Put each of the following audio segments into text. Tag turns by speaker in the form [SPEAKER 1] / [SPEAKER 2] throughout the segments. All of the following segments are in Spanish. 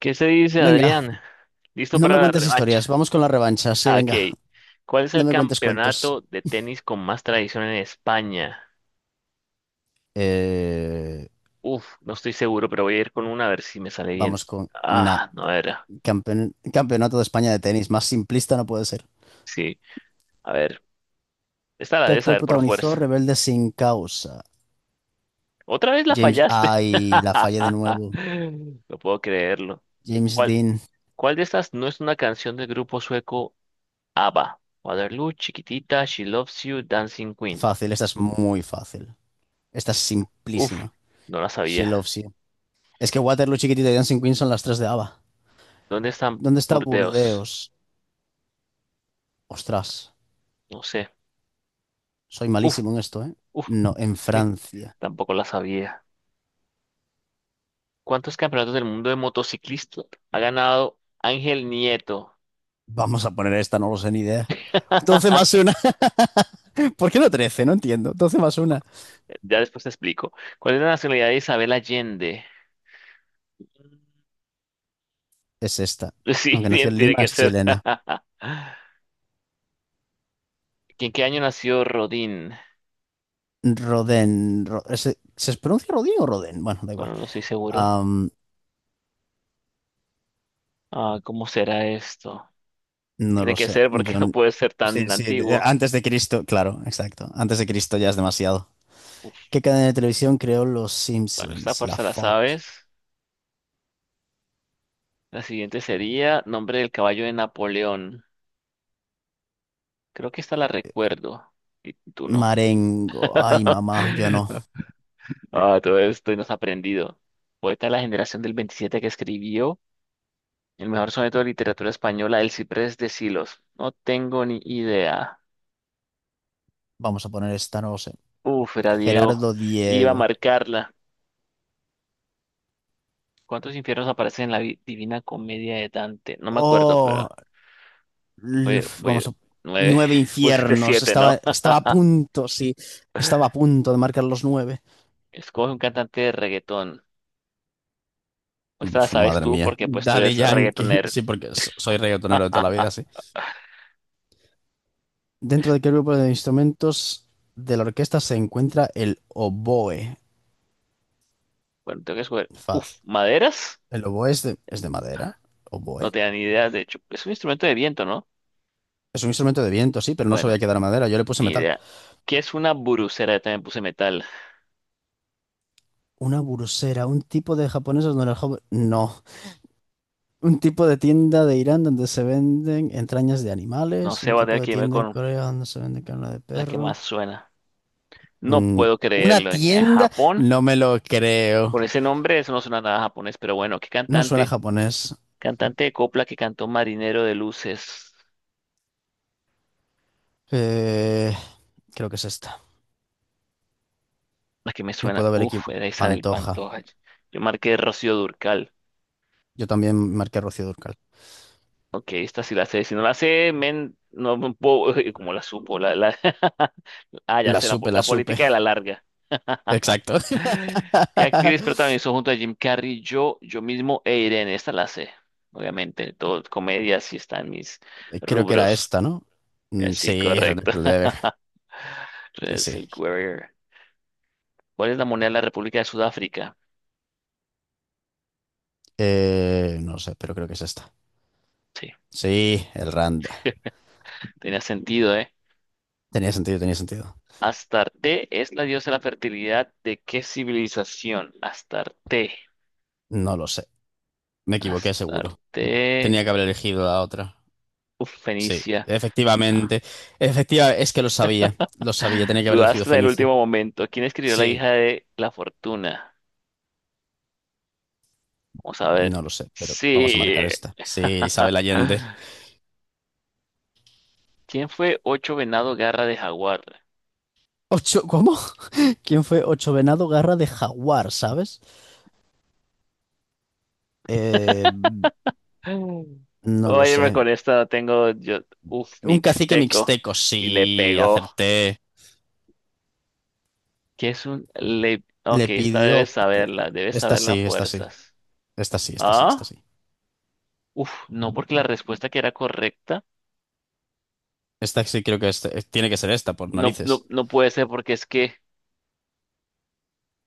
[SPEAKER 1] ¿Qué se dice,
[SPEAKER 2] Venga,
[SPEAKER 1] Adrián? ¿Listo
[SPEAKER 2] no me
[SPEAKER 1] para la
[SPEAKER 2] cuentes
[SPEAKER 1] revancha?
[SPEAKER 2] historias, vamos con la revancha, sí,
[SPEAKER 1] Ah,
[SPEAKER 2] venga,
[SPEAKER 1] ok. ¿Cuál es
[SPEAKER 2] no
[SPEAKER 1] el
[SPEAKER 2] me cuentes cuentos.
[SPEAKER 1] campeonato de tenis con más tradición en España?
[SPEAKER 2] Eh,
[SPEAKER 1] No estoy seguro, pero voy a ir con una a ver si me sale bien.
[SPEAKER 2] Vamos con na.
[SPEAKER 1] Ah, no era.
[SPEAKER 2] Campeonato de España de tenis, más simplista no puede ser.
[SPEAKER 1] Sí, a ver. Esta la
[SPEAKER 2] ¿Qué
[SPEAKER 1] debes
[SPEAKER 2] actor
[SPEAKER 1] saber por
[SPEAKER 2] protagonizó
[SPEAKER 1] fuerza.
[SPEAKER 2] Rebelde sin causa?
[SPEAKER 1] Otra vez la
[SPEAKER 2] James,
[SPEAKER 1] fallaste.
[SPEAKER 2] ay, la fallé de nuevo.
[SPEAKER 1] No puedo creerlo.
[SPEAKER 2] James
[SPEAKER 1] ¿Cuál,
[SPEAKER 2] Dean,
[SPEAKER 1] cuál de estas no es una canción del grupo sueco ABBA? Waterloo, Chiquitita, She Loves You, Dancing Queen.
[SPEAKER 2] fácil, esta es muy fácil. Esta es
[SPEAKER 1] Uf,
[SPEAKER 2] simplísima.
[SPEAKER 1] no la
[SPEAKER 2] She
[SPEAKER 1] sabía.
[SPEAKER 2] loves you. Es que Waterloo, Chiquitita y Dancing Queen son las tres de ABBA.
[SPEAKER 1] ¿Dónde están
[SPEAKER 2] ¿Dónde está
[SPEAKER 1] Burdeos?
[SPEAKER 2] Burdeos? Ostras,
[SPEAKER 1] No sé.
[SPEAKER 2] soy
[SPEAKER 1] Uf,
[SPEAKER 2] malísimo en esto, ¿eh?
[SPEAKER 1] uf,
[SPEAKER 2] No, en
[SPEAKER 1] sí,
[SPEAKER 2] Francia.
[SPEAKER 1] tampoco la sabía. ¿Cuántos campeonatos del mundo de motociclista ha ganado Ángel Nieto?
[SPEAKER 2] Vamos a poner esta, no lo sé ni idea. doce más una. ¿Por qué no 13? No entiendo. 12 más 1.
[SPEAKER 1] Ya después te explico. ¿Cuál es la nacionalidad de Isabel Allende? Mm,
[SPEAKER 2] Es esta.
[SPEAKER 1] sí,
[SPEAKER 2] Aunque nació
[SPEAKER 1] bien,
[SPEAKER 2] en
[SPEAKER 1] tiene
[SPEAKER 2] Lima,
[SPEAKER 1] que
[SPEAKER 2] es
[SPEAKER 1] ser.
[SPEAKER 2] chilena.
[SPEAKER 1] ¿En qué año nació Rodín?
[SPEAKER 2] Rodén. ¿Se pronuncia Rodín o Rodén? Bueno, da igual.
[SPEAKER 1] Bueno, no estoy seguro.
[SPEAKER 2] Am,
[SPEAKER 1] Ah, ¿cómo será esto?
[SPEAKER 2] no
[SPEAKER 1] Tiene
[SPEAKER 2] lo
[SPEAKER 1] que
[SPEAKER 2] sé.
[SPEAKER 1] ser porque no
[SPEAKER 2] John.
[SPEAKER 1] puede ser tan
[SPEAKER 2] Sí, sí,
[SPEAKER 1] antiguo.
[SPEAKER 2] antes de Cristo, claro, exacto. Antes de Cristo ya es demasiado.
[SPEAKER 1] Uf,
[SPEAKER 2] ¿Qué cadena de televisión creó Los
[SPEAKER 1] bueno, esta
[SPEAKER 2] Simpsons? La
[SPEAKER 1] fuerza la
[SPEAKER 2] Fox.
[SPEAKER 1] sabes. La siguiente sería nombre del caballo de Napoleón. Creo que esta la recuerdo y tú no.
[SPEAKER 2] Marengo. Ay, mamá, yo no.
[SPEAKER 1] Ah, todo esto y nos ha aprendido. Poeta de la generación del 27 que escribió el mejor soneto de literatura española, El Ciprés de Silos. No tengo ni idea.
[SPEAKER 2] Vamos a poner esta, no lo sé.
[SPEAKER 1] Uf, era Diego.
[SPEAKER 2] Gerardo
[SPEAKER 1] Iba a
[SPEAKER 2] Diego.
[SPEAKER 1] marcarla. ¿Cuántos infiernos aparecen en la Divina Comedia de Dante? No me acuerdo,
[SPEAKER 2] Oh,
[SPEAKER 1] pero voy,
[SPEAKER 2] Luf,
[SPEAKER 1] voy-
[SPEAKER 2] vamos,
[SPEAKER 1] nueve.
[SPEAKER 2] nueve
[SPEAKER 1] Pusiste
[SPEAKER 2] infiernos.
[SPEAKER 1] siete, ¿no?
[SPEAKER 2] Estaba a punto, sí. Estaba a punto de marcar los nueve.
[SPEAKER 1] Escoge un cantante de reggaetón. Pues te la
[SPEAKER 2] Uf,
[SPEAKER 1] sabes
[SPEAKER 2] madre
[SPEAKER 1] tú
[SPEAKER 2] mía.
[SPEAKER 1] porque pues tú
[SPEAKER 2] Daddy
[SPEAKER 1] eres
[SPEAKER 2] Yankee.
[SPEAKER 1] reggaetonero.
[SPEAKER 2] Sí, porque soy reggaetonero de toda la vida, sí. Dentro de qué grupo de instrumentos de la orquesta se encuentra el oboe.
[SPEAKER 1] Bueno, tengo que escoger. Uf,
[SPEAKER 2] Faz.
[SPEAKER 1] maderas.
[SPEAKER 2] ¿El oboe es de madera?
[SPEAKER 1] No
[SPEAKER 2] ¿Oboe?
[SPEAKER 1] tenía ni idea. De hecho, es un instrumento de viento, ¿no?
[SPEAKER 2] Es un instrumento de viento, sí, pero no sabía
[SPEAKER 1] Bueno,
[SPEAKER 2] que era madera. Yo le puse
[SPEAKER 1] ni
[SPEAKER 2] metal.
[SPEAKER 1] idea. ¿Qué es una burucera? También puse metal.
[SPEAKER 2] Una burusera, un tipo de japonesas donde el joven... No. Un tipo de tienda de Irán donde se venden entrañas de
[SPEAKER 1] No
[SPEAKER 2] animales,
[SPEAKER 1] sé,
[SPEAKER 2] un
[SPEAKER 1] voy a
[SPEAKER 2] tipo
[SPEAKER 1] tener
[SPEAKER 2] de
[SPEAKER 1] que irme
[SPEAKER 2] tienda en
[SPEAKER 1] con
[SPEAKER 2] Corea donde se vende carne de
[SPEAKER 1] la que
[SPEAKER 2] perro.
[SPEAKER 1] más suena. No
[SPEAKER 2] Mm,
[SPEAKER 1] puedo
[SPEAKER 2] una
[SPEAKER 1] creerlo. En
[SPEAKER 2] tienda,
[SPEAKER 1] Japón,
[SPEAKER 2] no me lo creo.
[SPEAKER 1] con ese nombre, eso no suena nada japonés, pero bueno, ¿qué
[SPEAKER 2] No suena
[SPEAKER 1] cantante?
[SPEAKER 2] japonés.
[SPEAKER 1] Cantante de copla que cantó Marinero de Luces.
[SPEAKER 2] Eh, Creo que es esta.
[SPEAKER 1] La que me
[SPEAKER 2] Me
[SPEAKER 1] suena.
[SPEAKER 2] puedo haber aquí
[SPEAKER 1] Uf, era Isabel
[SPEAKER 2] Pantoja.
[SPEAKER 1] Pantoja. Yo marqué Rocío Durcal.
[SPEAKER 2] Yo también marqué Rocío Durcal.
[SPEAKER 1] Ok, esta sí la sé. Si no la sé, men, no me puedo, como la supo, Ah, ya
[SPEAKER 2] La
[SPEAKER 1] sé, la,
[SPEAKER 2] supe, la
[SPEAKER 1] la
[SPEAKER 2] supe.
[SPEAKER 1] política de la larga.
[SPEAKER 2] Exacto.
[SPEAKER 1] ¿Qué actriz protagonizó junto a Jim Carrey, yo mismo e Irene? Esta la sé, obviamente, todo comedia, sí están mis
[SPEAKER 2] Creo que era
[SPEAKER 1] rubros.
[SPEAKER 2] esta, ¿no? Mm,
[SPEAKER 1] Sí,
[SPEAKER 2] sí, Red
[SPEAKER 1] correcto.
[SPEAKER 2] Dead Lever. Sí,
[SPEAKER 1] Es
[SPEAKER 2] sí.
[SPEAKER 1] el Warrior. ¿Cuál es la moneda de la República de Sudáfrica?
[SPEAKER 2] No sé, pero creo que es esta.
[SPEAKER 1] Sí,
[SPEAKER 2] Sí, el Randa.
[SPEAKER 1] tenía sentido, ¿eh?
[SPEAKER 2] Tenía sentido, tenía sentido.
[SPEAKER 1] ¿Astarte es la diosa de la fertilidad de qué civilización? Astarte.
[SPEAKER 2] No lo sé. Me equivoqué seguro.
[SPEAKER 1] Astarte.
[SPEAKER 2] Tenía que haber elegido la otra.
[SPEAKER 1] Uf,
[SPEAKER 2] Sí,
[SPEAKER 1] Fenicia. Ah,
[SPEAKER 2] efectivamente. Efectiva, es que lo sabía. Lo sabía, tenía que haber elegido
[SPEAKER 1] dudaste en el
[SPEAKER 2] Fenicia.
[SPEAKER 1] último momento. ¿Quién escribió La
[SPEAKER 2] Sí,
[SPEAKER 1] hija de la fortuna? Vamos a ver.
[SPEAKER 2] no lo sé, pero vamos a marcar
[SPEAKER 1] Sí.
[SPEAKER 2] esta. Sí, Isabel Allende.
[SPEAKER 1] ¿Quién fue Ocho Venado Garra de Jaguar?
[SPEAKER 2] Ocho, ¿cómo? ¿Quién fue? Ocho Venado Garra de Jaguar, ¿sabes? Eh,
[SPEAKER 1] Mm.
[SPEAKER 2] no lo
[SPEAKER 1] Oye,
[SPEAKER 2] sé.
[SPEAKER 1] con esta tengo yo. Uf,
[SPEAKER 2] Un cacique
[SPEAKER 1] mixteco.
[SPEAKER 2] mixteco, sí,
[SPEAKER 1] Y le pegó.
[SPEAKER 2] acerté.
[SPEAKER 1] ¿Qué es un le? Ok, esta debes
[SPEAKER 2] Lepidióptero.
[SPEAKER 1] saberla. Debes
[SPEAKER 2] Esta
[SPEAKER 1] saberla
[SPEAKER 2] sí, esta sí.
[SPEAKER 1] fuerzas.
[SPEAKER 2] Esta sí, esta sí, esta
[SPEAKER 1] ¿Ah?
[SPEAKER 2] sí.
[SPEAKER 1] Uf, no, porque la respuesta que era correcta.
[SPEAKER 2] Esta sí creo que es- Tiene que ser esta, por
[SPEAKER 1] No, no,
[SPEAKER 2] narices.
[SPEAKER 1] no puede ser porque es que.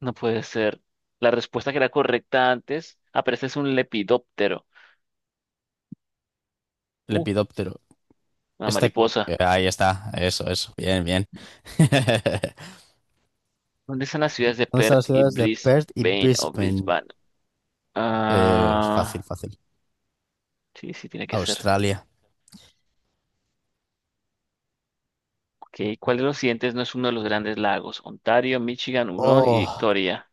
[SPEAKER 1] No puede ser. La respuesta que era correcta antes, aparece es un lepidóptero. Uh,
[SPEAKER 2] Lepidóptero.
[SPEAKER 1] una
[SPEAKER 2] Este,
[SPEAKER 1] mariposa.
[SPEAKER 2] ahí está, eso, bien, bien.
[SPEAKER 1] ¿Dónde están las ciudades de
[SPEAKER 2] ¿Dónde están las
[SPEAKER 1] Perth y
[SPEAKER 2] ciudades de Perth y
[SPEAKER 1] Brisbane o
[SPEAKER 2] Brisbane?
[SPEAKER 1] Brisbane?
[SPEAKER 2] Es fácil,
[SPEAKER 1] Ah,
[SPEAKER 2] fácil.
[SPEAKER 1] sí, sí, tiene que ser.
[SPEAKER 2] Australia.
[SPEAKER 1] Ok, ¿cuál de los siguientes no es uno de los grandes lagos? Ontario, Michigan, Hurón y
[SPEAKER 2] Oh,
[SPEAKER 1] Victoria.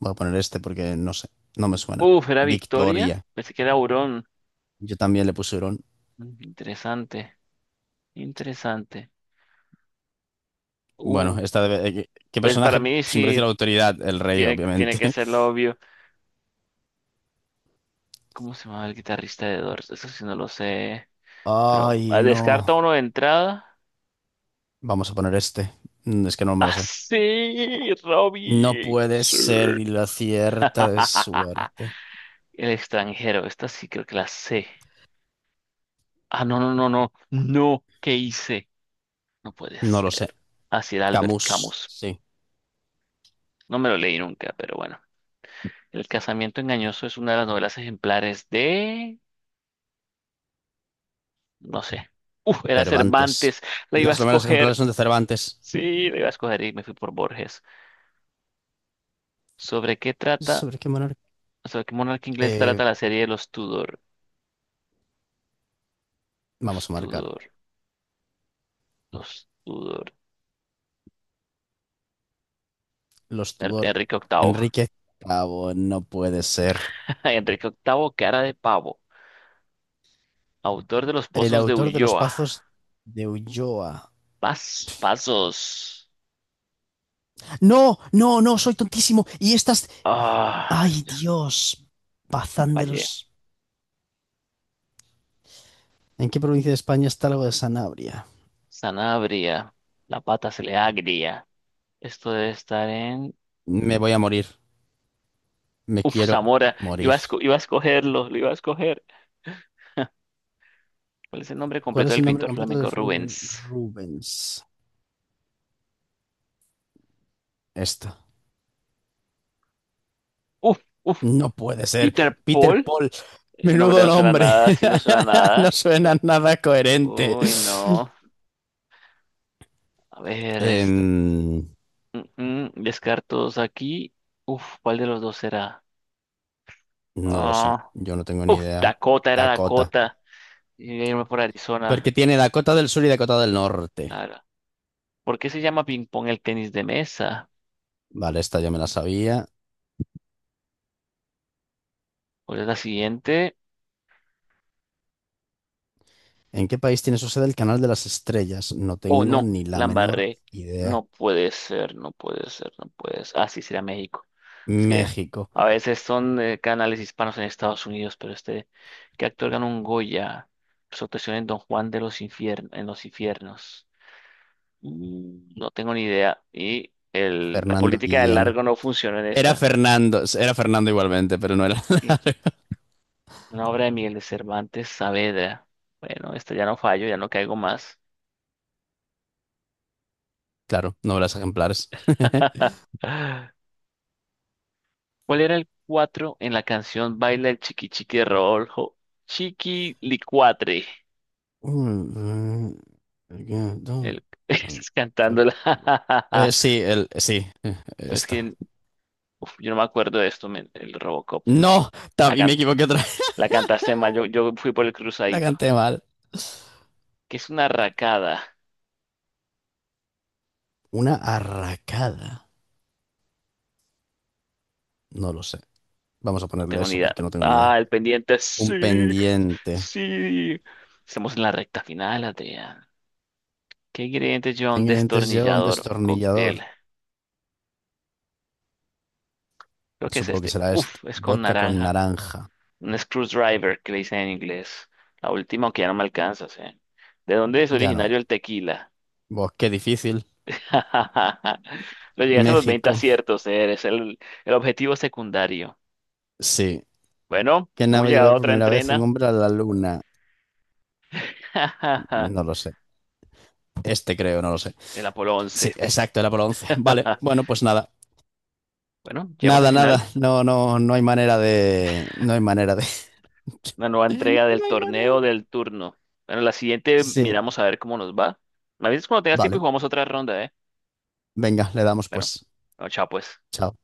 [SPEAKER 2] voy a poner este porque no sé, no me suena.
[SPEAKER 1] Uf, ¿era Victoria?
[SPEAKER 2] Victoria.
[SPEAKER 1] Pensé que era Hurón.
[SPEAKER 2] Yo también le puse Hurón.
[SPEAKER 1] Mm, interesante, interesante. Uh,
[SPEAKER 2] ¿Qué
[SPEAKER 1] pues para
[SPEAKER 2] personaje
[SPEAKER 1] mí
[SPEAKER 2] simboliza la
[SPEAKER 1] sí
[SPEAKER 2] autoridad? El rey,
[SPEAKER 1] tiene que
[SPEAKER 2] obviamente.
[SPEAKER 1] ser lo obvio. ¿Cómo se llama el guitarrista de Doors? Eso sí no lo sé. Pero
[SPEAKER 2] Ay,
[SPEAKER 1] ah, descarta
[SPEAKER 2] no.
[SPEAKER 1] uno de entrada.
[SPEAKER 2] Vamos a poner este. Es que no me lo sé.
[SPEAKER 1] Así,
[SPEAKER 2] No
[SPEAKER 1] Robbie.
[SPEAKER 2] puede
[SPEAKER 1] Sí.
[SPEAKER 2] ser y la cierta de suerte.
[SPEAKER 1] El extranjero. Esta sí creo que la sé. Ah, no, no, no, no. No, ¿qué hice? No puede
[SPEAKER 2] No lo sé.
[SPEAKER 1] ser. Así era Albert
[SPEAKER 2] Camus,
[SPEAKER 1] Camus.
[SPEAKER 2] sí.
[SPEAKER 1] No me lo leí nunca, pero bueno. El casamiento engañoso es una de las novelas ejemplares de... No sé. Uf, era
[SPEAKER 2] Cervantes.
[SPEAKER 1] Cervantes. La iba a
[SPEAKER 2] Las novelas ejemplares
[SPEAKER 1] escoger.
[SPEAKER 2] son de Cervantes.
[SPEAKER 1] Sí, la iba a escoger y me fui por Borges. ¿Sobre qué trata?
[SPEAKER 2] ¿Sobre qué monarca?
[SPEAKER 1] ¿Sobre qué monarca inglés
[SPEAKER 2] Eh,
[SPEAKER 1] trata la serie de los Tudor?
[SPEAKER 2] Vamos
[SPEAKER 1] Los
[SPEAKER 2] a marcar.
[SPEAKER 1] Tudor, los Tudor.
[SPEAKER 2] Los Tudor.
[SPEAKER 1] Enrique Octavo,
[SPEAKER 2] Enrique Cabo, no puede ser.
[SPEAKER 1] Enrique octavo, cara de pavo. Autor de los
[SPEAKER 2] El
[SPEAKER 1] pozos de
[SPEAKER 2] autor de Los
[SPEAKER 1] Ulloa.
[SPEAKER 2] Pazos de Ulloa.
[SPEAKER 1] Pasos.
[SPEAKER 2] No, no, no, soy tontísimo. Y estas...
[SPEAKER 1] Ah,
[SPEAKER 2] ¡Ay, Dios! Bazán de
[SPEAKER 1] fallé.
[SPEAKER 2] los... ¿En qué provincia de España está algo de Sanabria?
[SPEAKER 1] Sanabria. La pata se le agria. Esto debe estar en.
[SPEAKER 2] Me voy a morir. Me
[SPEAKER 1] Uf,
[SPEAKER 2] quiero
[SPEAKER 1] Zamora. Iba
[SPEAKER 2] morir.
[SPEAKER 1] a, iba a escogerlo, lo iba a escoger. ¿Cuál es el nombre
[SPEAKER 2] ¿Cuál
[SPEAKER 1] completo
[SPEAKER 2] es
[SPEAKER 1] del
[SPEAKER 2] el nombre
[SPEAKER 1] pintor
[SPEAKER 2] completo
[SPEAKER 1] flamenco
[SPEAKER 2] del fenómeno?
[SPEAKER 1] Rubens?
[SPEAKER 2] Rubens. Esta.
[SPEAKER 1] Uf, uf.
[SPEAKER 2] No puede ser.
[SPEAKER 1] Peter
[SPEAKER 2] Peter
[SPEAKER 1] Paul.
[SPEAKER 2] Paul,
[SPEAKER 1] Ese nombre
[SPEAKER 2] menudo
[SPEAKER 1] no suena a
[SPEAKER 2] nombre.
[SPEAKER 1] nada, sí no suena a
[SPEAKER 2] No
[SPEAKER 1] nada.
[SPEAKER 2] suena nada coherente.
[SPEAKER 1] Uy, no. A ver, este.
[SPEAKER 2] Em,
[SPEAKER 1] Descartos aquí. Uf, ¿cuál de los dos será?
[SPEAKER 2] no lo sé.
[SPEAKER 1] Ah,
[SPEAKER 2] Yo no tengo ni
[SPEAKER 1] uf,
[SPEAKER 2] idea.
[SPEAKER 1] Dakota, era
[SPEAKER 2] Dakota.
[SPEAKER 1] Dakota. Y voy a irme por
[SPEAKER 2] Porque
[SPEAKER 1] Arizona.
[SPEAKER 2] tiene Dakota del Sur y Dakota del Norte.
[SPEAKER 1] Claro. ¿Por qué se llama ping pong el tenis de mesa?
[SPEAKER 2] Vale, esta ya me la sabía.
[SPEAKER 1] ¿Cuál es la siguiente?
[SPEAKER 2] ¿En qué país tiene su sede el Canal de las Estrellas? No
[SPEAKER 1] Oh,
[SPEAKER 2] tengo
[SPEAKER 1] no,
[SPEAKER 2] ni la
[SPEAKER 1] la
[SPEAKER 2] menor
[SPEAKER 1] embarré.
[SPEAKER 2] idea.
[SPEAKER 1] No puede ser, no puede ser, no puede ser. Ah, sí, será México. Es que
[SPEAKER 2] México.
[SPEAKER 1] a veces son canales hispanos en Estados Unidos, pero este, ¿qué actor ganó un Goya? Su actuación en Don Juan de los Infiernos, en los infiernos. Mm, no tengo ni idea. Y el, la
[SPEAKER 2] Fernando
[SPEAKER 1] política del
[SPEAKER 2] Guillén.
[SPEAKER 1] largo no funciona en
[SPEAKER 2] Era
[SPEAKER 1] esta.
[SPEAKER 2] Fernando. Era Fernando igualmente, pero no era.
[SPEAKER 1] Sí. Una obra de Miguel de Cervantes Saavedra. Bueno, esta ya no fallo, ya no caigo más.
[SPEAKER 2] Claro, novelas ejemplares.
[SPEAKER 1] ¿Cuál era el 4 en la canción Baila el chiqui chiqui de Rodolfo? Chiqui licuatre.
[SPEAKER 2] Mm, mm, again,
[SPEAKER 1] El,
[SPEAKER 2] no,
[SPEAKER 1] estás
[SPEAKER 2] sorry.
[SPEAKER 1] cantándola. No, es
[SPEAKER 2] Esta.
[SPEAKER 1] que uf, yo no me acuerdo de esto, men, el Robocop, no.
[SPEAKER 2] No,
[SPEAKER 1] La,
[SPEAKER 2] también me
[SPEAKER 1] can-
[SPEAKER 2] equivoqué otra vez.
[SPEAKER 1] la cantaste mal, yo fui por el
[SPEAKER 2] La
[SPEAKER 1] cruzadito.
[SPEAKER 2] canté mal.
[SPEAKER 1] ¿Que es una racada?
[SPEAKER 2] Una arracada. No lo sé. Vamos a
[SPEAKER 1] No
[SPEAKER 2] ponerle
[SPEAKER 1] tengo ni
[SPEAKER 2] eso
[SPEAKER 1] idea.
[SPEAKER 2] porque no tengo ni idea.
[SPEAKER 1] Ah, el pendiente.
[SPEAKER 2] Un
[SPEAKER 1] Sí,
[SPEAKER 2] pendiente.
[SPEAKER 1] sí. Estamos en la recta final, Adrián. ¿Qué ingrediente lleva
[SPEAKER 2] ¿Qué
[SPEAKER 1] un
[SPEAKER 2] ingredientes lleva un
[SPEAKER 1] destornillador, un
[SPEAKER 2] destornillador?
[SPEAKER 1] cóctel? Creo que es
[SPEAKER 2] Supongo que
[SPEAKER 1] este.
[SPEAKER 2] será esto.
[SPEAKER 1] Uf, es con
[SPEAKER 2] Vodka con
[SPEAKER 1] naranja.
[SPEAKER 2] naranja.
[SPEAKER 1] Un screwdriver, que le dicen en inglés. La última, aunque ya no me alcanzas, ¿eh? ¿De dónde es
[SPEAKER 2] Ya no.
[SPEAKER 1] originario el tequila?
[SPEAKER 2] Buah, qué difícil.
[SPEAKER 1] Lo llegas a los 20
[SPEAKER 2] México.
[SPEAKER 1] aciertos, ¿eh? Eres el objetivo secundario.
[SPEAKER 2] Sí.
[SPEAKER 1] Bueno,
[SPEAKER 2] ¿Qué
[SPEAKER 1] hemos
[SPEAKER 2] nave
[SPEAKER 1] llegado
[SPEAKER 2] lleva
[SPEAKER 1] a
[SPEAKER 2] por
[SPEAKER 1] otra
[SPEAKER 2] primera vez un
[SPEAKER 1] entrena.
[SPEAKER 2] hombre a la luna? No lo sé. Este creo, no lo sé.
[SPEAKER 1] El Apolo
[SPEAKER 2] Sí,
[SPEAKER 1] Once.
[SPEAKER 2] exacto, era por 11. Vale, bueno, pues nada.
[SPEAKER 1] Bueno, llegamos al
[SPEAKER 2] Nada, nada.
[SPEAKER 1] final.
[SPEAKER 2] No, no hay manera de. No hay manera de.
[SPEAKER 1] Una nueva entrega del
[SPEAKER 2] No hay
[SPEAKER 1] torneo
[SPEAKER 2] manera.
[SPEAKER 1] del turno. Bueno, la siguiente
[SPEAKER 2] Sí,
[SPEAKER 1] miramos a ver cómo nos va. Me avisas cuando tengas tiempo y
[SPEAKER 2] vale.
[SPEAKER 1] jugamos otra ronda, ¿eh?
[SPEAKER 2] Venga, le damos
[SPEAKER 1] Bueno,
[SPEAKER 2] pues.
[SPEAKER 1] no, chao pues.
[SPEAKER 2] Chao.